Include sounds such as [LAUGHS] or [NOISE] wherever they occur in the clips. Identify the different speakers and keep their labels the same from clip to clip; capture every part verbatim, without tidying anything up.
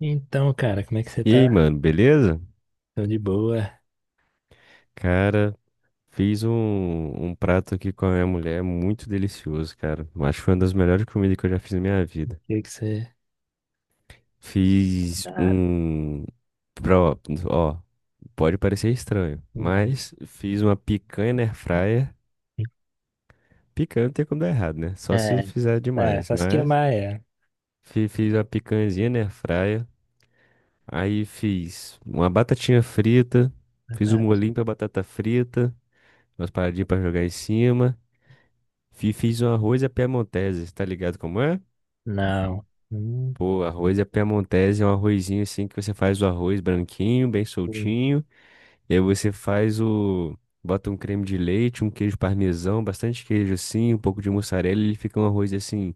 Speaker 1: Então, cara, como é que você
Speaker 2: E aí,
Speaker 1: tá?
Speaker 2: mano, beleza?
Speaker 1: Tô de boa.
Speaker 2: Cara, fiz um, um prato aqui com a minha mulher muito delicioso, cara. Eu acho que foi uma das melhores comidas que eu já fiz na minha
Speaker 1: O
Speaker 2: vida.
Speaker 1: que é que você.
Speaker 2: Fiz
Speaker 1: Tá.
Speaker 2: um. Pro, ó, pode parecer estranho,
Speaker 1: Uhum.
Speaker 2: mas fiz uma picanha na airfryer. Picanha não tem como dar errado, né? Só se
Speaker 1: É,
Speaker 2: fizer
Speaker 1: tá,
Speaker 2: demais.
Speaker 1: só se
Speaker 2: Mas
Speaker 1: queimar, é.
Speaker 2: fi- fiz uma picanhazinha na airfryer. Aí fiz uma batatinha frita. Fiz um
Speaker 1: Verdade.
Speaker 2: molhinho pra batata frita. Umas paradinhas pra jogar em cima. Fi- Fiz um arroz à piemontese, tá ligado como é?
Speaker 1: Não. Hum,
Speaker 2: Pô, arroz à piemontese é um arrozinho assim que você faz o arroz branquinho, bem
Speaker 1: hum,
Speaker 2: soltinho. E aí você faz o. Bota um creme de leite, um queijo parmesão, bastante queijo assim, um pouco de mussarela, e Ele fica um arroz assim,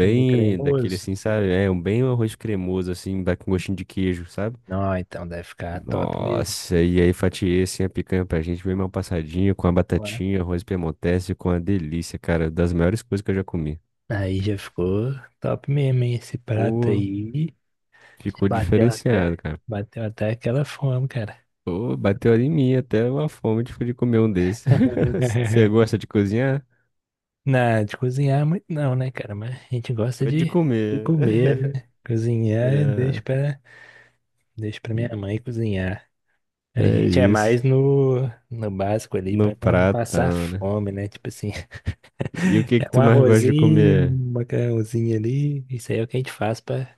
Speaker 1: é meio
Speaker 2: daquele
Speaker 1: cremoso.
Speaker 2: assim, sabe? É um bem um arroz cremoso assim, dá com gostinho de queijo, sabe?
Speaker 1: Não, então deve ficar top mesmo.
Speaker 2: Nossa, e aí fatiei assim a picanha pra gente, bem mal passadinha, com a
Speaker 1: Ué.
Speaker 2: batatinha, arroz piemontese, com a delícia, cara, das melhores coisas que eu já comi.
Speaker 1: Aí já ficou top mesmo, hein? Esse prato
Speaker 2: Pô,
Speaker 1: aí. Já
Speaker 2: Ficou
Speaker 1: bateu
Speaker 2: diferenciado,
Speaker 1: até.
Speaker 2: cara.
Speaker 1: Bateu até aquela fome, cara.
Speaker 2: Pô, bateu ali em mim até uma fome de de comer um desses. [LAUGHS] Você
Speaker 1: [LAUGHS]
Speaker 2: gosta de cozinhar?
Speaker 1: Não, de cozinhar é muito não, né, cara? Mas a gente gosta
Speaker 2: Gosto de
Speaker 1: de, de
Speaker 2: comer.
Speaker 1: comer,
Speaker 2: [LAUGHS]
Speaker 1: né? Cozinhar, deixa
Speaker 2: É,
Speaker 1: pra. Deixo pra minha mãe cozinhar. A
Speaker 2: é
Speaker 1: gente é
Speaker 2: isso.
Speaker 1: mais no, no básico ali
Speaker 2: No
Speaker 1: pra não passar
Speaker 2: pratão, né?
Speaker 1: fome, né? Tipo assim,
Speaker 2: E o
Speaker 1: [LAUGHS]
Speaker 2: que que
Speaker 1: é um
Speaker 2: tu mais gosta de
Speaker 1: arrozinho,
Speaker 2: comer?
Speaker 1: um macarrãozinho ali. Isso aí é o que a gente faz pra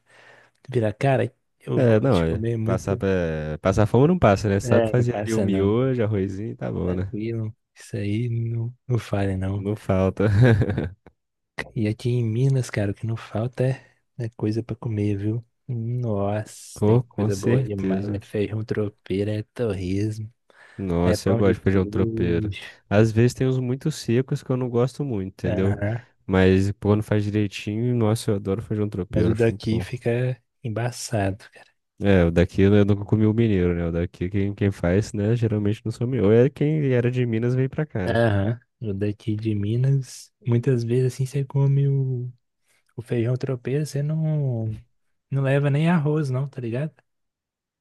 Speaker 1: virar. Cara, eu
Speaker 2: É,
Speaker 1: gosto
Speaker 2: não,
Speaker 1: de
Speaker 2: é.
Speaker 1: comer
Speaker 2: Passar,
Speaker 1: muito.
Speaker 2: pra- passar fome não passa, né? Sabe
Speaker 1: É, não
Speaker 2: fazer ali o
Speaker 1: passa não.
Speaker 2: miojo, arrozinho, tá bom, né?
Speaker 1: Tranquilo. Isso aí não, não falha não.
Speaker 2: Não falta. [LAUGHS]
Speaker 1: E aqui em Minas, cara, o que não falta é é coisa pra comer, viu? Nossa, tem
Speaker 2: Pô, com
Speaker 1: coisa boa demais. É
Speaker 2: certeza.
Speaker 1: feijão tropeiro, é torresmo, é
Speaker 2: Nossa, eu
Speaker 1: pão
Speaker 2: gosto
Speaker 1: de
Speaker 2: de feijão tropeiro.
Speaker 1: queijo.
Speaker 2: Às vezes tem uns muito secos que eu não gosto muito, entendeu?
Speaker 1: Aham.
Speaker 2: Mas quando faz direitinho, nossa, eu adoro feijão
Speaker 1: Mas
Speaker 2: tropeiro,
Speaker 1: o
Speaker 2: acho muito
Speaker 1: daqui
Speaker 2: bom.
Speaker 1: fica embaçado, cara.
Speaker 2: É, o daqui eu nunca comi o mineiro, né? O daqui quem, quem faz, né, geralmente não sou mineiro. Ou é quem era de Minas veio pra cá, né?
Speaker 1: Aham. O daqui de Minas, muitas vezes assim você come o, o feijão tropeiro, você não, não leva nem arroz, não, tá ligado? Tipo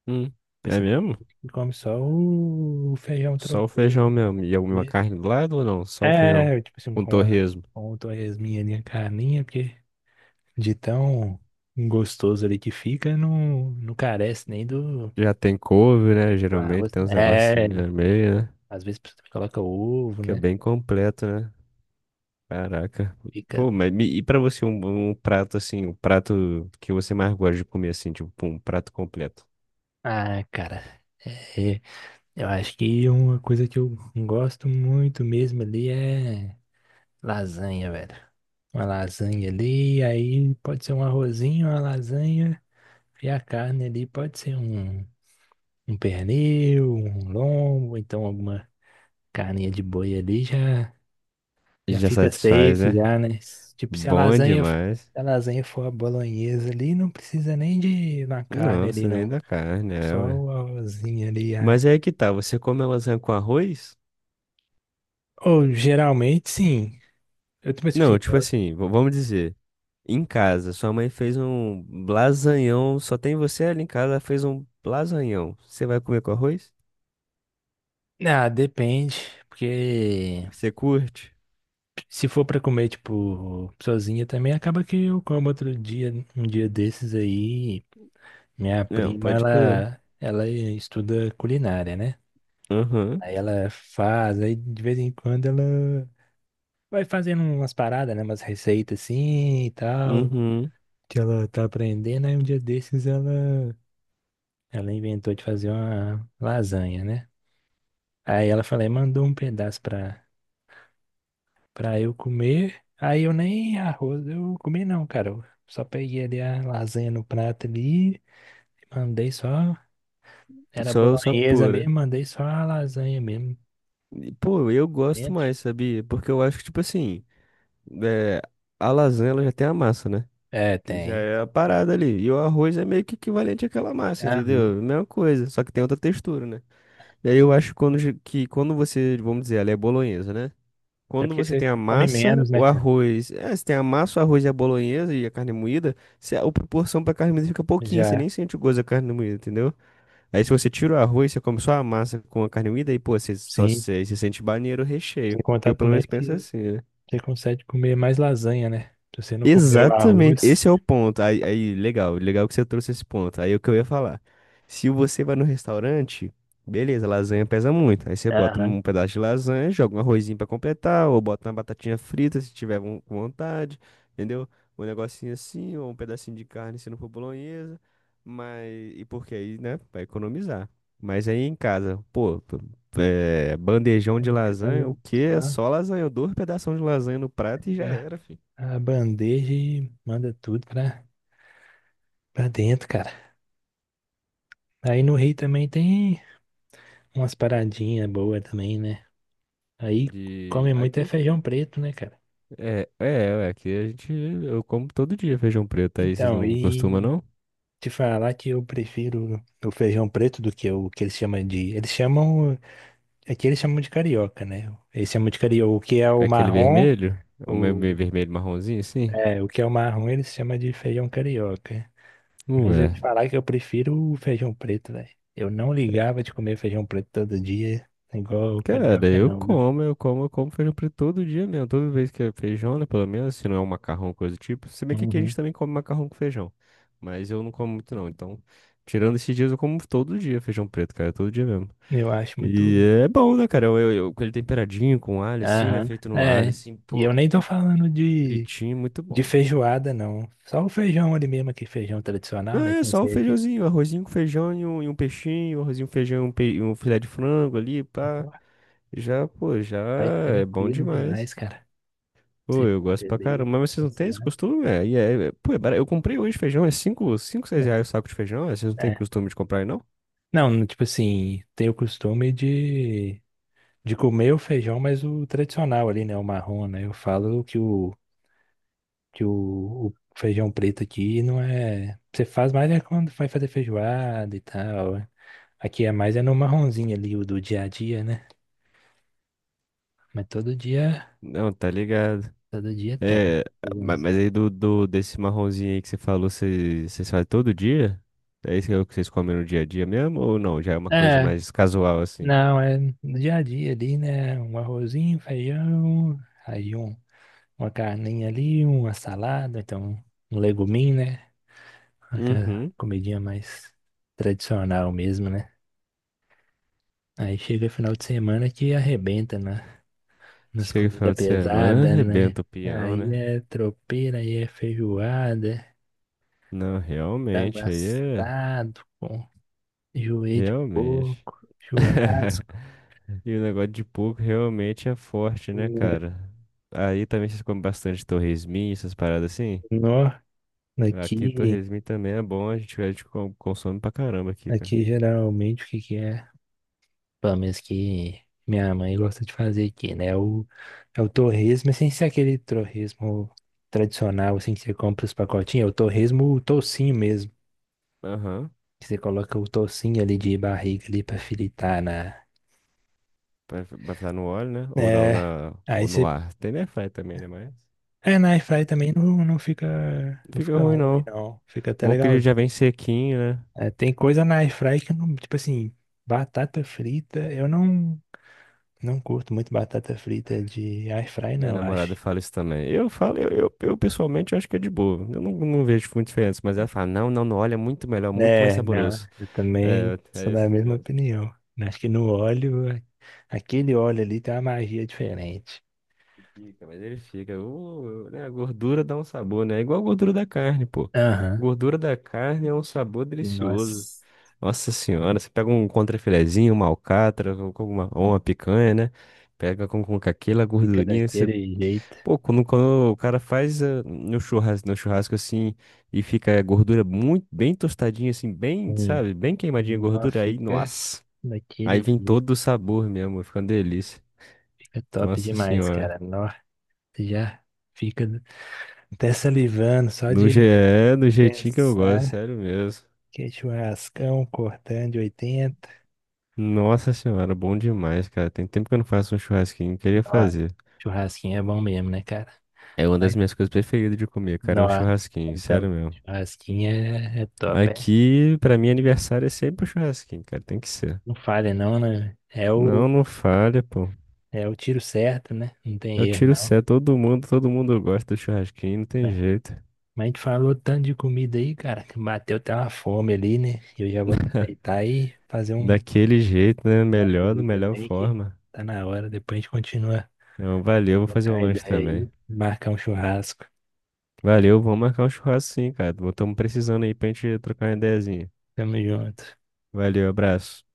Speaker 2: Hum, é
Speaker 1: assim,
Speaker 2: mesmo?
Speaker 1: come só o, o feijão
Speaker 2: Só o
Speaker 1: tropeiro
Speaker 2: feijão mesmo. E alguma
Speaker 1: mesmo.
Speaker 2: carne do lado ou não? Só o feijão.
Speaker 1: É, tipo assim,
Speaker 2: um
Speaker 1: com a,
Speaker 2: torresmo.
Speaker 1: com o torresminho ali, a carninha, porque de tão gostoso ali que fica, não, não carece nem do,
Speaker 2: Já tem couve, né?
Speaker 1: do
Speaker 2: Geralmente
Speaker 1: arroz.
Speaker 2: tem
Speaker 1: Né?
Speaker 2: uns
Speaker 1: É,
Speaker 2: negocinhos no meio, né?
Speaker 1: às vezes você coloca ovo,
Speaker 2: que é
Speaker 1: né?
Speaker 2: bem completo, né? Caraca.
Speaker 1: Fica.
Speaker 2: Pô, mas me- e pra você um, um prato assim, um prato que você mais gosta de comer assim, tipo, pum, um prato completo.
Speaker 1: Ah, cara, é, eu acho que uma coisa que eu gosto muito mesmo ali é lasanha, velho. Uma lasanha ali, aí pode ser um arrozinho, uma lasanha, e a carne ali pode ser um, um pernil, um lombo, então alguma carninha de boi ali já, já
Speaker 2: Já
Speaker 1: fica
Speaker 2: satisfaz,
Speaker 1: safe
Speaker 2: né?
Speaker 1: já, né? Tipo, se a
Speaker 2: Bom
Speaker 1: lasanha, se
Speaker 2: demais.
Speaker 1: a lasanha for a bolonhesa ali, não precisa nem de na carne
Speaker 2: Não, não
Speaker 1: ali,
Speaker 2: sei nem
Speaker 1: não.
Speaker 2: da carne, é,
Speaker 1: Só
Speaker 2: ué.
Speaker 1: o arrozinho ali.
Speaker 2: Mas é aí que tá, você come a lasanha com arroz?
Speaker 1: Ou geralmente sim. Eu também, tipo
Speaker 2: Não,
Speaker 1: assim,
Speaker 2: tipo
Speaker 1: eu-
Speaker 2: assim, v- vamos dizer, em casa, sua mãe fez um lasanhão, só tem você ali em casa, ela fez um lasanhão. Você vai comer com arroz?
Speaker 1: ah, depende, porque
Speaker 2: Você curte?
Speaker 1: se for pra comer, tipo, sozinha também, acaba que eu como outro dia, um dia desses aí, minha
Speaker 2: Não,
Speaker 1: prima,
Speaker 2: pode crer.
Speaker 1: ela, ela estuda culinária, né?
Speaker 2: Aham,
Speaker 1: Aí ela faz, aí de vez em quando ela vai fazendo umas paradas, né? Umas receitas assim e tal,
Speaker 2: uhum,
Speaker 1: que ela tá aprendendo, aí um dia desses ela, ela inventou de fazer uma lasanha, né? Aí ela falou, mandou um pedaço pra pra eu comer. Aí eu nem arroz eu comi não, cara. Eu só peguei ali a lasanha no prato ali, mandei só, era
Speaker 2: Só, só
Speaker 1: bolonhesa
Speaker 2: pura.
Speaker 1: mesmo, mandei só a lasanha mesmo
Speaker 2: E, Pô, eu gosto
Speaker 1: dentro.
Speaker 2: mais, sabia? Porque eu acho que, tipo assim, é, a lasanha ela já tem a massa, né?
Speaker 1: É,
Speaker 2: Que já
Speaker 1: tem.
Speaker 2: é a parada ali. E o arroz é meio que equivalente àquela massa,
Speaker 1: Uhum.
Speaker 2: entendeu? Mesma coisa, só que tem outra textura, né? E aí eu acho quando, ge- que quando você, vamos dizer, ela é bolonhesa, né?
Speaker 1: É
Speaker 2: Quando
Speaker 1: porque
Speaker 2: você
Speaker 1: você
Speaker 2: tem a
Speaker 1: come
Speaker 2: massa,
Speaker 1: menos,
Speaker 2: o
Speaker 1: né, cara?
Speaker 2: arroz. É, você tem a massa, o arroz e a bolonhesa e a carne moída, se a, a proporção pra carne moída fica pouquinha, você
Speaker 1: Já,
Speaker 2: nem sente o gosto da carne moída, entendeu? Aí se você tira o arroz, você come só a massa com a carne moída e, pô, você só
Speaker 1: sim.
Speaker 2: você, você sente banheiro o
Speaker 1: Sem
Speaker 2: recheio.
Speaker 1: contar
Speaker 2: Eu pelo
Speaker 1: também
Speaker 2: menos penso
Speaker 1: que
Speaker 2: assim, né?
Speaker 1: você consegue comer mais lasanha, né? Se você não comeu
Speaker 2: Exatamente,
Speaker 1: arroz.
Speaker 2: esse é o ponto. Aí, aí, legal, legal que você trouxe esse ponto. Aí é o que eu ia falar. Se você vai no restaurante, beleza, lasanha pesa muito. Aí você bota
Speaker 1: Aham.
Speaker 2: um pedaço de lasanha, joga um arrozinho pra completar, ou bota uma batatinha frita se tiver von- com vontade, entendeu? Um negocinho assim, ou um pedacinho de carne se não for bolonhesa. Mas, e porque aí, né, vai economizar. Mas aí em casa, pô, p- é, bandejão de lasanha, o quê? É
Speaker 1: Só
Speaker 2: Só lasanha, dois pedaços de lasanha no prato e já
Speaker 1: pegar
Speaker 2: era, filho.
Speaker 1: a bandeja e manda tudo pra, pra dentro, cara. Aí no Rio também tem umas paradinhas boas também, né? Aí
Speaker 2: De
Speaker 1: come muito é
Speaker 2: aqui
Speaker 1: feijão preto, né, cara?
Speaker 2: é, é, é, aqui a gente eu como todo dia feijão preto, aí vocês
Speaker 1: Então,
Speaker 2: não costumam
Speaker 1: e
Speaker 2: não?
Speaker 1: te falar que eu prefiro o feijão preto do que o que eles chamam de. Eles chamam. Aqui eles chamam de carioca, né? Eles chamam de carioca. O que é
Speaker 2: É
Speaker 1: o
Speaker 2: aquele
Speaker 1: marrom,
Speaker 2: vermelho? É o meio meio
Speaker 1: o,
Speaker 2: vermelho marronzinho assim?
Speaker 1: é, o que é o marrom eles chamam de feijão carioca. Mas eu te
Speaker 2: Ué.
Speaker 1: falar que eu prefiro o feijão preto, velho. Eu não ligava de comer feijão preto todo dia, igual o
Speaker 2: Cara,
Speaker 1: carioca,
Speaker 2: eu
Speaker 1: não, viu?
Speaker 2: como, eu como, eu como feijão preto todo dia mesmo, toda vez que é feijão, né, pelo menos, se não é um macarrão, coisa do tipo. Se bem que aqui a
Speaker 1: Uhum.
Speaker 2: gente também come macarrão com feijão, mas eu não como muito não, então, tirando esses dias, eu como todo dia feijão preto, cara, todo dia mesmo.
Speaker 1: Eu acho muito.
Speaker 2: E é bom, né, cara? Eu, eu, eu- com ele temperadinho, com alho, assim, né?
Speaker 1: Aham.
Speaker 2: Feito no alho,
Speaker 1: É.
Speaker 2: assim,
Speaker 1: E eu
Speaker 2: pô,
Speaker 1: nem tô falando de,
Speaker 2: fritinho, muito bom.
Speaker 1: de feijoada, não. Só o feijão ali mesmo, aqui, feijão
Speaker 2: Não,
Speaker 1: tradicional, né?
Speaker 2: é
Speaker 1: Sem
Speaker 2: só o
Speaker 1: ser aqui.
Speaker 2: feijãozinho, arrozinho com feijão e um, e um peixinho, um arrozinho com feijão, e um, pe- e um filé de frango ali, pá.
Speaker 1: Ó,
Speaker 2: Já, pô, já
Speaker 1: vai
Speaker 2: é bom
Speaker 1: tranquilo
Speaker 2: demais.
Speaker 1: demais, cara.
Speaker 2: Pô,
Speaker 1: Você
Speaker 2: eu
Speaker 1: fica
Speaker 2: gosto pra
Speaker 1: ali,
Speaker 2: caramba. Mas vocês não têm esse
Speaker 1: passeado.
Speaker 2: costume? É, e é, é- pô, é barato. Eu comprei hoje feijão, é cinco, cinco 6
Speaker 1: Né?
Speaker 2: reais o saco de feijão. é, Vocês não têm
Speaker 1: É.
Speaker 2: costume de comprar aí, não?
Speaker 1: Não, tipo assim, tenho o costume de, de comer o feijão, mas o tradicional ali, né? O marrom, né? Eu falo que o, que o, o feijão preto aqui não é. Você faz mais é quando vai fazer feijoada e tal. Aqui é mais é no marronzinho ali, o do dia a dia, né? Mas todo dia,
Speaker 2: Não, tá ligado.
Speaker 1: todo dia tem.
Speaker 2: É, ma-
Speaker 1: Segurança.
Speaker 2: mas aí do, do, desse marronzinho aí que você falou, vocês vocês fazem todo dia? É isso que é o que vocês comem no dia a dia mesmo? Ou não? Já é uma coisa
Speaker 1: É,
Speaker 2: mais casual assim?
Speaker 1: não, é no dia a dia ali, né? Um arrozinho, um feijão, aí um, uma carninha ali, uma salada, então um um leguminho, né? Aquela
Speaker 2: Uhum.
Speaker 1: comidinha mais tradicional mesmo, né? Aí chega final de semana que arrebenta na, nas
Speaker 2: Chega o
Speaker 1: comidas
Speaker 2: final de semana,
Speaker 1: pesadas, né?
Speaker 2: arrebenta o peão,
Speaker 1: Aí
Speaker 2: né?
Speaker 1: é tropeira, aí é feijoada,
Speaker 2: Não,
Speaker 1: frango
Speaker 2: realmente, aí é.
Speaker 1: assado com joelho de
Speaker 2: Realmente.
Speaker 1: porco,
Speaker 2: [LAUGHS]
Speaker 1: churrasco.
Speaker 2: E o negócio de porco realmente é forte, né, cara? Aí também vocês comem bastante torresminho, essas paradas assim?
Speaker 1: Nó,
Speaker 2: Aqui
Speaker 1: aqui,
Speaker 2: torresminho também é bom, a gente, a gente com- consome pra caramba aqui, cara.
Speaker 1: aqui geralmente o que que é? Pelo menos que minha mãe gosta de fazer aqui, né? O, é o torresmo, mas sem ser aquele torresmo tradicional, assim, que você compra os pacotinhos. É o torresmo, o toucinho mesmo.
Speaker 2: Aham.
Speaker 1: Que você coloca o toucinho ali de barriga ali pra fritar na...
Speaker 2: Pra pra fritar no óleo, né? Ou na, ou
Speaker 1: É,
Speaker 2: na,
Speaker 1: aí
Speaker 2: ou no
Speaker 1: você...
Speaker 2: ar. Tem airfryer também, né? Mas não
Speaker 1: É, na air fry também não, não fica, não
Speaker 2: fica
Speaker 1: fica
Speaker 2: ruim,
Speaker 1: ruim,
Speaker 2: não.
Speaker 1: não. Fica até
Speaker 2: Bom que
Speaker 1: legal.
Speaker 2: ele já vem sequinho, né?
Speaker 1: É, tem coisa na air fry que não, tipo assim, batata frita, eu não. Não curto muito batata frita de air fry,
Speaker 2: Minha
Speaker 1: não,
Speaker 2: namorada
Speaker 1: acho.
Speaker 2: fala isso também. Eu falo, eu, eu, eu, pessoalmente acho que é de boa. Eu não, não vejo muita diferença, mas ela fala, não, não, não, olha, é muito melhor, muito mais
Speaker 1: É, não,
Speaker 2: saboroso.
Speaker 1: eu também
Speaker 2: É,
Speaker 1: sou
Speaker 2: é
Speaker 1: da
Speaker 2: assim
Speaker 1: mesma
Speaker 2: mesmo.
Speaker 1: opinião. Acho que no óleo, aquele óleo ali tem uma magia diferente.
Speaker 2: Fica, mas ele fica. Uh, né, a gordura dá um sabor, né? É igual a gordura da carne, pô.
Speaker 1: Aham.
Speaker 2: Gordura da carne é um sabor delicioso.
Speaker 1: Nossa,
Speaker 2: Nossa senhora, você pega um contrafilezinho, uma alcatra, com com uma, ou uma picanha, né? Pega com, com aquela
Speaker 1: fica
Speaker 2: gordurinha,
Speaker 1: daquele jeito.
Speaker 2: pô, quando, quando o cara faz eh, no churrasco, no churrasco, assim e fica a gordura muito bem tostadinha assim, bem,
Speaker 1: Sim.
Speaker 2: sabe, bem queimadinha a
Speaker 1: Nossa,
Speaker 2: gordura aí,
Speaker 1: fica
Speaker 2: nossa. Aí
Speaker 1: daquele
Speaker 2: vem
Speaker 1: jeito.
Speaker 2: todo o sabor mesmo, fica uma delícia.
Speaker 1: Fica top
Speaker 2: Nossa
Speaker 1: demais,
Speaker 2: senhora.
Speaker 1: cara. Nossa, já fica até salivando só
Speaker 2: No je-
Speaker 1: de
Speaker 2: é, Do
Speaker 1: de
Speaker 2: jeitinho que eu gosto,
Speaker 1: pensar
Speaker 2: sério mesmo.
Speaker 1: que é churrascão cortando de oitenta.
Speaker 2: Nossa senhora, bom demais, cara. Tem tempo que eu não faço um churrasquinho, queria
Speaker 1: Nossa,
Speaker 2: fazer.
Speaker 1: churrasquinho é bom mesmo, né, cara?
Speaker 2: É uma das minhas coisas preferidas de comer, cara, é um
Speaker 1: Nossa,
Speaker 2: churrasquinho, sério
Speaker 1: também.
Speaker 2: mesmo.
Speaker 1: Churrasquinho é, é top. É.
Speaker 2: Aqui, pra mim, aniversário é sempre um churrasquinho, cara, tem que ser.
Speaker 1: Não falha, não, né? É o,
Speaker 2: Não, não falha, pô.
Speaker 1: é o tiro certo, né? Não tem
Speaker 2: Eu
Speaker 1: erro,
Speaker 2: tiro o
Speaker 1: não.
Speaker 2: céu, todo mundo, todo mundo gosta do churrasquinho, não tem
Speaker 1: né?
Speaker 2: jeito.
Speaker 1: Mas a gente falou tanto de comida aí, cara, que bateu até uma fome ali, né? Eu já vou aproveitar e fazer um
Speaker 2: Daquele jeito, né?
Speaker 1: prato
Speaker 2: Melhor, da
Speaker 1: ali
Speaker 2: melhor
Speaker 1: também, que
Speaker 2: forma.
Speaker 1: tá na hora. Depois a gente continua a
Speaker 2: Então, valeu, vou fazer um
Speaker 1: trocar
Speaker 2: lanche
Speaker 1: ideia aí,
Speaker 2: também.
Speaker 1: marcar um churrasco.
Speaker 2: Valeu, vamos marcar um churrasco sim, cara. Estamos precisando aí pra gente trocar uma ideiazinha.
Speaker 1: Tamo junto.
Speaker 2: Valeu, abraço.